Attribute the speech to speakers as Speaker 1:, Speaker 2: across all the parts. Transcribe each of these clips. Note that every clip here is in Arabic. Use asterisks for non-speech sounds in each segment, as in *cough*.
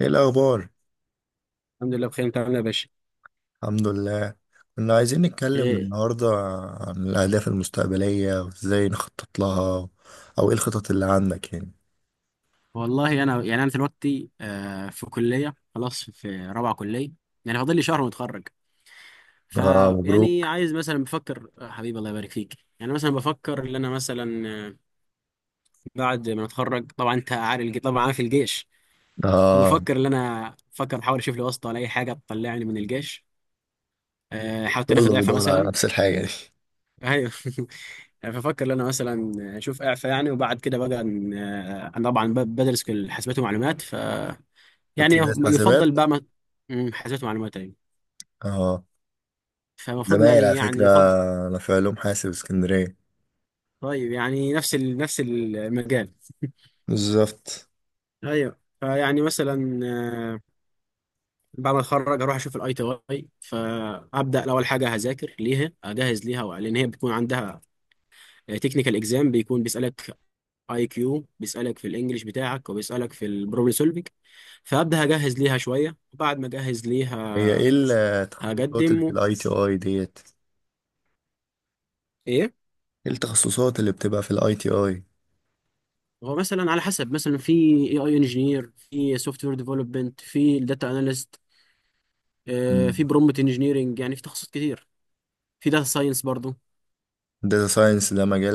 Speaker 1: ايه الاخبار؟
Speaker 2: الحمد لله بخير. انت عامل ايه يا باشا؟
Speaker 1: الحمد لله. كنا عايزين نتكلم
Speaker 2: ايه؟
Speaker 1: النهارده عن الاهداف المستقبليه وازاي نخطط لها، او ايه الخطط اللي عندك يعني؟
Speaker 2: والله انا يعني انا دلوقتي في كليه، خلاص، في رابعه كليه. يعني فاضل لي شهر واتخرج.
Speaker 1: اه،
Speaker 2: فيعني
Speaker 1: مبروك.
Speaker 2: عايز مثلا بفكر، حبيبي، الله يبارك فيك. يعني مثلا بفكر ان انا مثلا بعد ما اتخرج طبعا انت عارف طبعا عارف الجيش.
Speaker 1: اه،
Speaker 2: فبفكر ان انا احاول اشوف لي واسطه ولا اي حاجه تطلعني من الجيش. حاولت ناخد
Speaker 1: كله
Speaker 2: اعفاء
Speaker 1: بيدور على
Speaker 2: مثلا.
Speaker 1: نفس الحاجه دي.
Speaker 2: ايوه. *laughs* ففكر ان انا مثلا اشوف اعفاء يعني. وبعد كده بقى انا طبعا بدرس كل حاسبات ومعلومات، يعني
Speaker 1: كنت داس
Speaker 2: يفضل
Speaker 1: حاسبات؟
Speaker 2: بقى ما... حاسبات معلومات، ايوه.
Speaker 1: اه.
Speaker 2: فالمفروض
Speaker 1: زمايل
Speaker 2: يعني
Speaker 1: على فكره،
Speaker 2: يفضل.
Speaker 1: انا في علوم حاسب اسكندريه.
Speaker 2: طيب يعني نفس المجال.
Speaker 1: بالظبط.
Speaker 2: ايوه. فيعني مثلا بعد ما اتخرج هروح اشوف الاي تي اي. فابدا اول حاجه هذاكر ليها، اجهز ليها، لان هي بتكون عندها تكنيكال اكزام. بيكون بيسالك اي كيو، بيسالك في الانجليش بتاعك، وبيسالك في البروبلم سولفينج. فابدا اجهز ليها شويه، وبعد ما اجهز
Speaker 1: هي
Speaker 2: ليها
Speaker 1: ايه التخصصات اللي في
Speaker 2: هقدم.
Speaker 1: الاي تي اي ديت؟
Speaker 2: ايه؟
Speaker 1: ايه التخصصات اللي بتبقى في الاي تي اي؟
Speaker 2: هو مثلا على حسب، مثلا في اي اي انجينير، في سوفت وير ديفلوبمنت، في داتا اناليست، في برومبت انجينيرنج، يعني في تخصصات كتير. في داتا ساينس برضو.
Speaker 1: داتا ساينس ده مجال،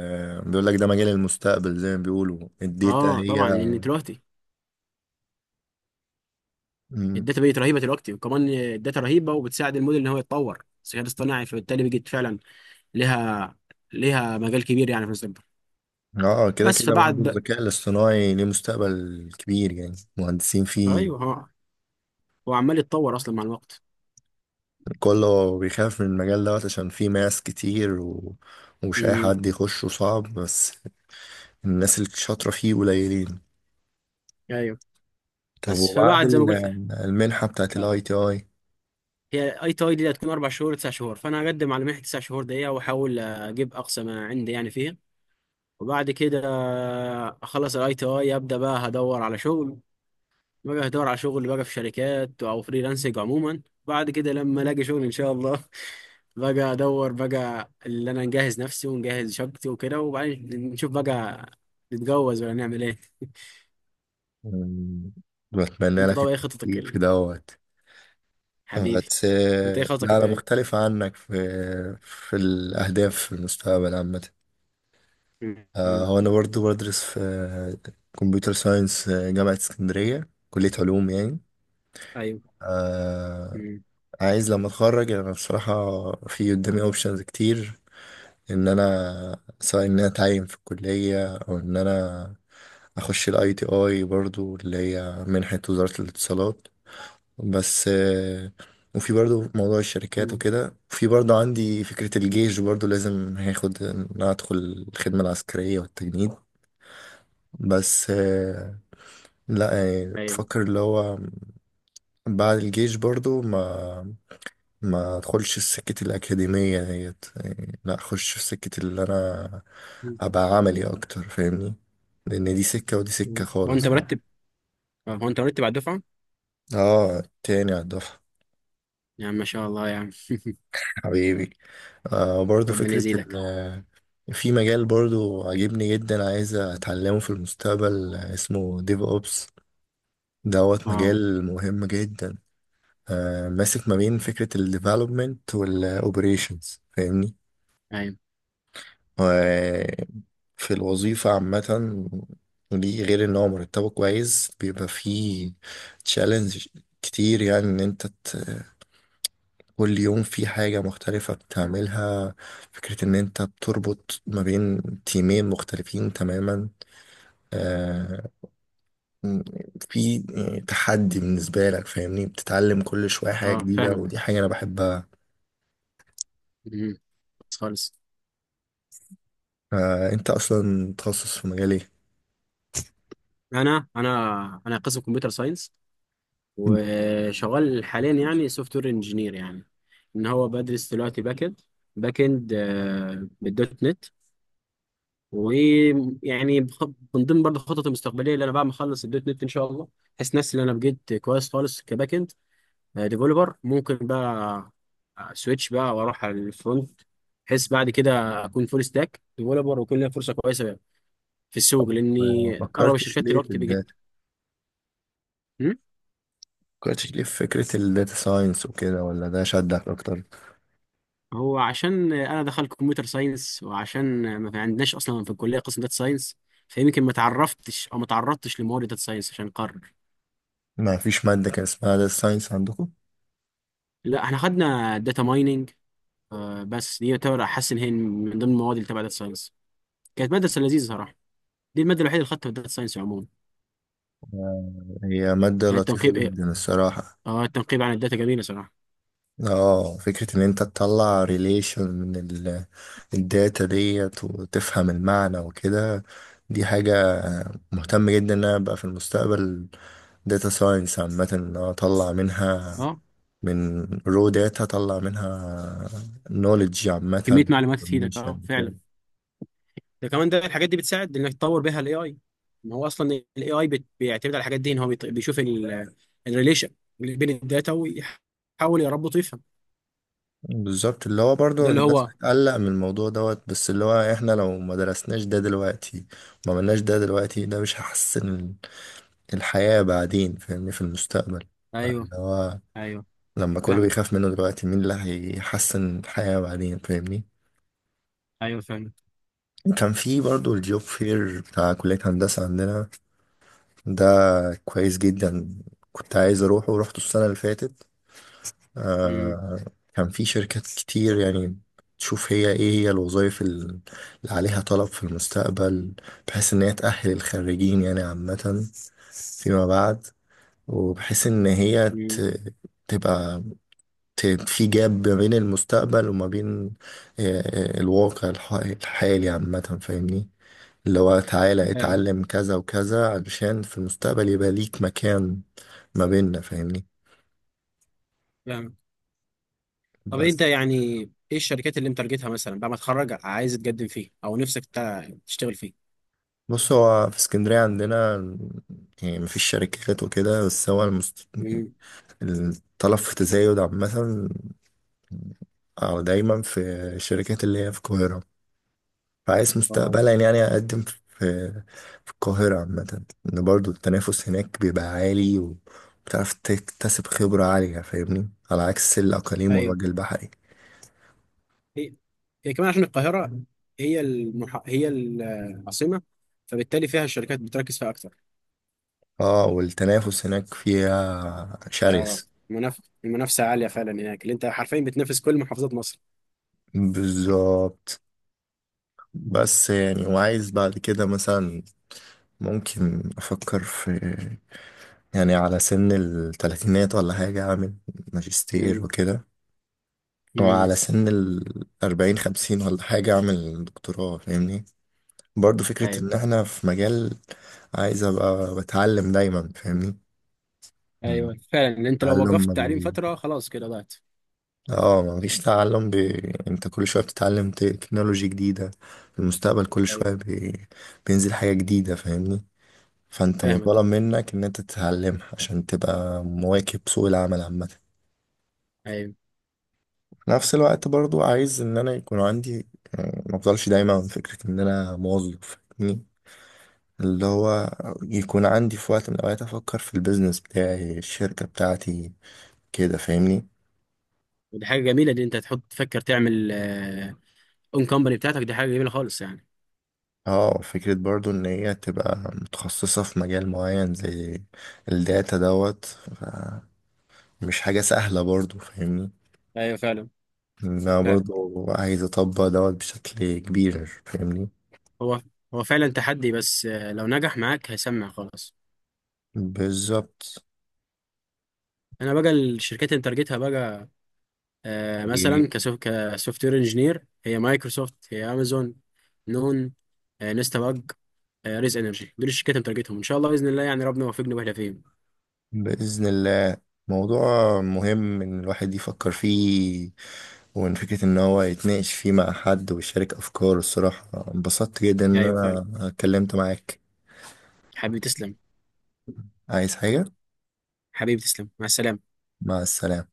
Speaker 1: بيقول لك ده مجال المستقبل زي ما بيقولوا الداتا
Speaker 2: اه
Speaker 1: هي.
Speaker 2: طبعا، لان دلوقتي
Speaker 1: مم.
Speaker 2: الداتا بقت رهيبه دلوقتي، وكمان الداتا رهيبه وبتساعد الموديل ان هو يتطور الذكاء الاصطناعي. فبالتالي بيجي فعلا لها لها مجال كبير يعني في المستقبل.
Speaker 1: اه، كده
Speaker 2: بس
Speaker 1: كده برضه
Speaker 2: فبعد بقى،
Speaker 1: الذكاء الاصطناعي ليه مستقبل كبير، يعني مهندسين فيه.
Speaker 2: ايوه. هو عمال يتطور اصلا مع الوقت.
Speaker 1: كله بيخاف من المجال دوت عشان فيه ماس كتير ومش أي
Speaker 2: امم.
Speaker 1: حد يخشه، صعب بس. الناس اللي شاطرة فيه قليلين.
Speaker 2: ايوه.
Speaker 1: طب
Speaker 2: بس
Speaker 1: وبعد
Speaker 2: فبعد زي ما
Speaker 1: ال-
Speaker 2: قلت لك،
Speaker 1: المنحة بتاعت
Speaker 2: لا،
Speaker 1: الاي تي اي.
Speaker 2: هي اي تاي دي هتكون 4 شهور 9 شهور، فانا هقدم على منحه 9 شهور دقيقه، واحاول اجيب اقصى ما عندي يعني فيها. وبعد كده اخلص الاي تي اي، ابدا بقى هدور على شغل، بقى في شركات او فريلانسنج عموما. بعد كده لما الاقي شغل ان شاء الله. *laughs* بقى ادور بقى اللي انا نجهز نفسي ونجهز شقتي وكده، وبعدين نشوف بقى نتجوز ولا نعمل ايه.
Speaker 1: بتمنى
Speaker 2: انت
Speaker 1: لك
Speaker 2: طبعا ايه خطتك
Speaker 1: التوفيق في دوت.
Speaker 2: حبيبي؟
Speaker 1: بس،
Speaker 2: انت ايه خطتك
Speaker 1: لا،
Speaker 2: انت
Speaker 1: أنا
Speaker 2: ايه؟
Speaker 1: مختلف عنك في الأهداف في المستقبل عامة.
Speaker 2: مم. مم.
Speaker 1: هو أنا برضو بدرس في كمبيوتر ساينس، جامعة اسكندرية، كلية علوم يعني.
Speaker 2: ايوه.
Speaker 1: آه،
Speaker 2: مم.
Speaker 1: عايز لما أتخرج، يعني أنا بصراحة في قدامي أوبشنز كتير، إن أنا سواء إن أنا أتعين في الكلية، أو إن أنا أخش ال ITI برضو اللي هي منحة وزارة الاتصالات، بس وفي برضو موضوع الشركات
Speaker 2: مم.
Speaker 1: وكده، وفي برضو عندي فكرة الجيش، برضو لازم هاخد، إن أنا أدخل الخدمة العسكرية والتجنيد. بس لا يعني
Speaker 2: ايوه.
Speaker 1: بفكر اللي هو بعد الجيش برضو ما ادخلش سكة الأكاديمية ديت، يعني لا أخش في سكة اللي أنا أبقى عملي أكتر، فاهمني؟ لأن دي سكة ودي سكة
Speaker 2: هو انت
Speaker 1: خالص يعني.
Speaker 2: مرتب؟ اه، هو انت مرتب على الدفعه؟
Speaker 1: اه، تاني على الدفعة.
Speaker 2: يا عم ما شاء الله يا عم.
Speaker 1: حبيبي. برضو
Speaker 2: ربنا
Speaker 1: فكرة ال
Speaker 2: يزيدك.
Speaker 1: آه، في مجال برضو عاجبني جدا، عايز أتعلمه في المستقبل، اسمه ديف أوبس. دوت
Speaker 2: اه.
Speaker 1: مجال مهم جدا. آه، ماسك ما بين فكرة الديفلوبمنت والأوبريشنز، فاهمني؟
Speaker 2: ايوه.
Speaker 1: وفي الوظيفة عامة، ودي غير إن هو مرتبه كويس، بيبقى فيه تشالنج كتير، يعني إن أنت كل يوم في حاجة مختلفة بتعملها. فكرة إن أنت بتربط ما بين تيمين مختلفين تماما، آه في تحدي بالنسبة لك، فاهمني؟ بتتعلم كل شوية حاجة
Speaker 2: اه،
Speaker 1: جديدة،
Speaker 2: فاهمك.
Speaker 1: ودي حاجة أنا بحبها.
Speaker 2: امم، خالص.
Speaker 1: أنت أصلا تخصص في مجال إيه؟
Speaker 2: انا قسم كمبيوتر ساينس، وشغال حاليا
Speaker 1: بتخصص.
Speaker 2: يعني سوفت وير انجينير. يعني ان هو بدرس دلوقتي باك اند. باك اند بالدوت نت. ويعني من ضمن برضه خططي المستقبليه، اللي انا بعد ما اخلص الدوت نت ان شاء الله، احس نفسي ان انا بقيت كويس خالص كباك اند ديفلوبر، ممكن بقى سويتش بقى واروح على الفرونت، بحيث بعد كده اكون فول ستاك ديفلوبر ويكون ليا فرصه كويسه في السوق، لاني
Speaker 1: ما
Speaker 2: اغلب
Speaker 1: فكرتش
Speaker 2: الشركات
Speaker 1: ليه في
Speaker 2: دلوقتي بقت.
Speaker 1: الداتا،
Speaker 2: هم؟
Speaker 1: فكرتش ليه في فكرة الداتا ساينس وكده، ولا ده شدك أكتر؟
Speaker 2: هو عشان انا دخلت كمبيوتر ساينس، وعشان ما في- عندناش اصلا في الكليه قسم داتا ساينس، فيمكن ما تعرفتش او ما تعرضتش لمواد داتا ساينس عشان اقرر.
Speaker 1: ما فيش مادة كان اسمها داتا ساينس عندكم؟
Speaker 2: لا، احنا خدنا داتا مايننج بس، دي يعتبر احس ان هي من ضمن المواد اللي تبع داتا ساينس. كانت ماده بس لذيذه صراحه، دي الماده الوحيده اللي خدتها في الداتا ساينس عموما.
Speaker 1: هي مادة
Speaker 2: يعني
Speaker 1: لطيفة
Speaker 2: التنقيب، ايه،
Speaker 1: جدا الصراحة.
Speaker 2: اه التنقيب عن الداتا جميله صراحه.
Speaker 1: اه، فكرة ان انت تطلع ريليشن من الداتا ديت وتفهم المعنى وكده. دي حاجة مهتم جدا ان انا ابقى في المستقبل داتا ساينس عامة، ان أنا اطلع منها،
Speaker 2: اه،
Speaker 1: من رو داتا اطلع منها نوليدج عامة،
Speaker 2: كمية معلومات تفيدك،
Speaker 1: information
Speaker 2: اه
Speaker 1: كده.
Speaker 2: فعلا. ده كمان، ده الحاجات دي بتساعد انك تطور بيها الاي اي. ما هو اصلا الاي اي بيعتمد على الحاجات دي، ان هو بيشوف الريليشن اللي بين الداتا ويحاول يربط ويفهم.
Speaker 1: بالظبط، اللي هو برضو
Speaker 2: ده اللي
Speaker 1: الناس
Speaker 2: هو.
Speaker 1: بتقلق من الموضوع دوت، بس اللي هو احنا لو ما درسناش ده دلوقتي، ما عملناش ده دلوقتي، ده مش هحسن الحياة بعدين، فاهمني؟ في المستقبل،
Speaker 2: ايوه.
Speaker 1: فاللي هو
Speaker 2: ايوه
Speaker 1: لما كله
Speaker 2: فاهمك.
Speaker 1: بيخاف منه دلوقتي، مين اللي هيحسن الحياة بعدين، فاهمني؟
Speaker 2: ايوه فعلا.
Speaker 1: كان في برضو الجوب فير بتاع كلية هندسة عندنا ده، كويس جدا. كنت عايز أروحه ورحته السنة اللي فاتت.
Speaker 2: امم.
Speaker 1: آه، كان في شركات كتير يعني، تشوف هي ايه هي الوظائف اللي عليها طلب في المستقبل، بحيث ان هي تأهل الخريجين يعني عامة فيما بعد، وبحيث ان هي
Speaker 2: امم.
Speaker 1: تبقى في جاب ما بين المستقبل وما بين الواقع الحالي عامة، فاهمني؟ اللي هو تعالى
Speaker 2: فاهمك.
Speaker 1: اتعلم كذا وكذا علشان في المستقبل يبقى ليك مكان ما بيننا، فاهمني؟
Speaker 2: فاهمك. طب انت
Speaker 1: بس.
Speaker 2: يعني ايه الشركات اللي انت تارجتها مثلا بعد ما تتخرج، عايز تقدم فيه او نفسك تشتغل فيه؟
Speaker 1: بص، هو في اسكندرية عندنا يعني مفيش شركات وكده، بس هو
Speaker 2: امم.
Speaker 1: الطلب في تزايد عامة. دايما في الشركات اللي هي في القاهرة، فعايز
Speaker 2: واو.
Speaker 1: مستقبلا يعني أقدم في القاهرة عامة، إن برضو التنافس هناك بيبقى عالي، وبتعرف تكتسب خبرة عالية، فاهمني؟ على عكس الأقاليم والوجه البحري.
Speaker 2: هي كمان عشان القاهرة هي العاصمة. فبالتالي فيها الشركات بتركز فيها أكتر.
Speaker 1: اه، والتنافس هناك فيها
Speaker 2: اه،
Speaker 1: شرس.
Speaker 2: المنافسة عالية فعلا هناك، اللي أنت حرفيا بتنافس كل محافظات مصر.
Speaker 1: بالظبط. بس يعني وعايز بعد كده مثلا ممكن أفكر في، يعني على سن التلاتينات ولا حاجة أعمل
Speaker 2: مم.
Speaker 1: ماجستير وكده،
Speaker 2: مم.
Speaker 1: وعلى سن الأربعين خمسين ولا حاجة أعمل دكتوراه، فاهمني؟ برضو فكرة
Speaker 2: أيوه.
Speaker 1: ان احنا في مجال عايز ابقى بتعلم دايما، فاهمني؟ مم.
Speaker 2: أيوه فعلا، اللي أنت لو
Speaker 1: تعلم
Speaker 2: وقفت
Speaker 1: ما
Speaker 2: تعليم
Speaker 1: بي
Speaker 2: فترة خلاص كده ضعت.
Speaker 1: اه ما فيش تعلم انت كل شوية بتتعلم تكنولوجي جديدة، في المستقبل كل
Speaker 2: أيوه
Speaker 1: شوية بينزل حاجة جديدة، فاهمني؟ فانت
Speaker 2: فاهمك.
Speaker 1: مطالب منك ان انت تتعلمها عشان تبقى مواكب سوق العمل عامة.
Speaker 2: أيوه،
Speaker 1: في نفس الوقت برضو عايز ان انا يكون عندي ما افضلش دايما فكرة ان انا موظف، فاهمني؟ اللي هو يكون عندي في وقت من الأوقات أفكر في البيزنس بتاعي، الشركة بتاعتي كده، فاهمني؟
Speaker 2: ودي حاجة جميلة، دي أنت تحط تفكر تعمل أون كومباني بتاعتك، دي حاجة جميلة خالص يعني.
Speaker 1: اه، فكرة برضو إن هي تبقى متخصصة في مجال معين زي الداتا دوت مش حاجة سهلة برضو، فاهمني؟
Speaker 2: أيوه فعلا.
Speaker 1: إن أنا
Speaker 2: فعلا.
Speaker 1: برضو عايز أطبق دوت بشكل كبير، فاهمني؟
Speaker 2: هو فعلا تحدي، بس لو نجح معاك هيسمع خلاص.
Speaker 1: بالظبط.
Speaker 2: أنا بقى الشركات اللي انت تارجتها بقى، مثلا كسوفت وير انجينير: هي مايكروسوفت، هي امازون، نون، نستا باج، ريز انرجي. دول الشركات اللي متارجتهم ان شاء الله باذن الله. يعني ربنا يوفقنا واحنا فيهم.
Speaker 1: بإذن الله، موضوع مهم إن الواحد يفكر فيه، ومن فكرة إن هو يتناقش فيه مع حد ويشارك أفكاره، الصراحة انبسطت جدا إن
Speaker 2: ايوه فعلا.
Speaker 1: أنا اتكلمت معاك.
Speaker 2: حبيبي تسلم.
Speaker 1: عايز حاجة؟
Speaker 2: حبيبي تسلم، مع السلامه.
Speaker 1: مع السلامة.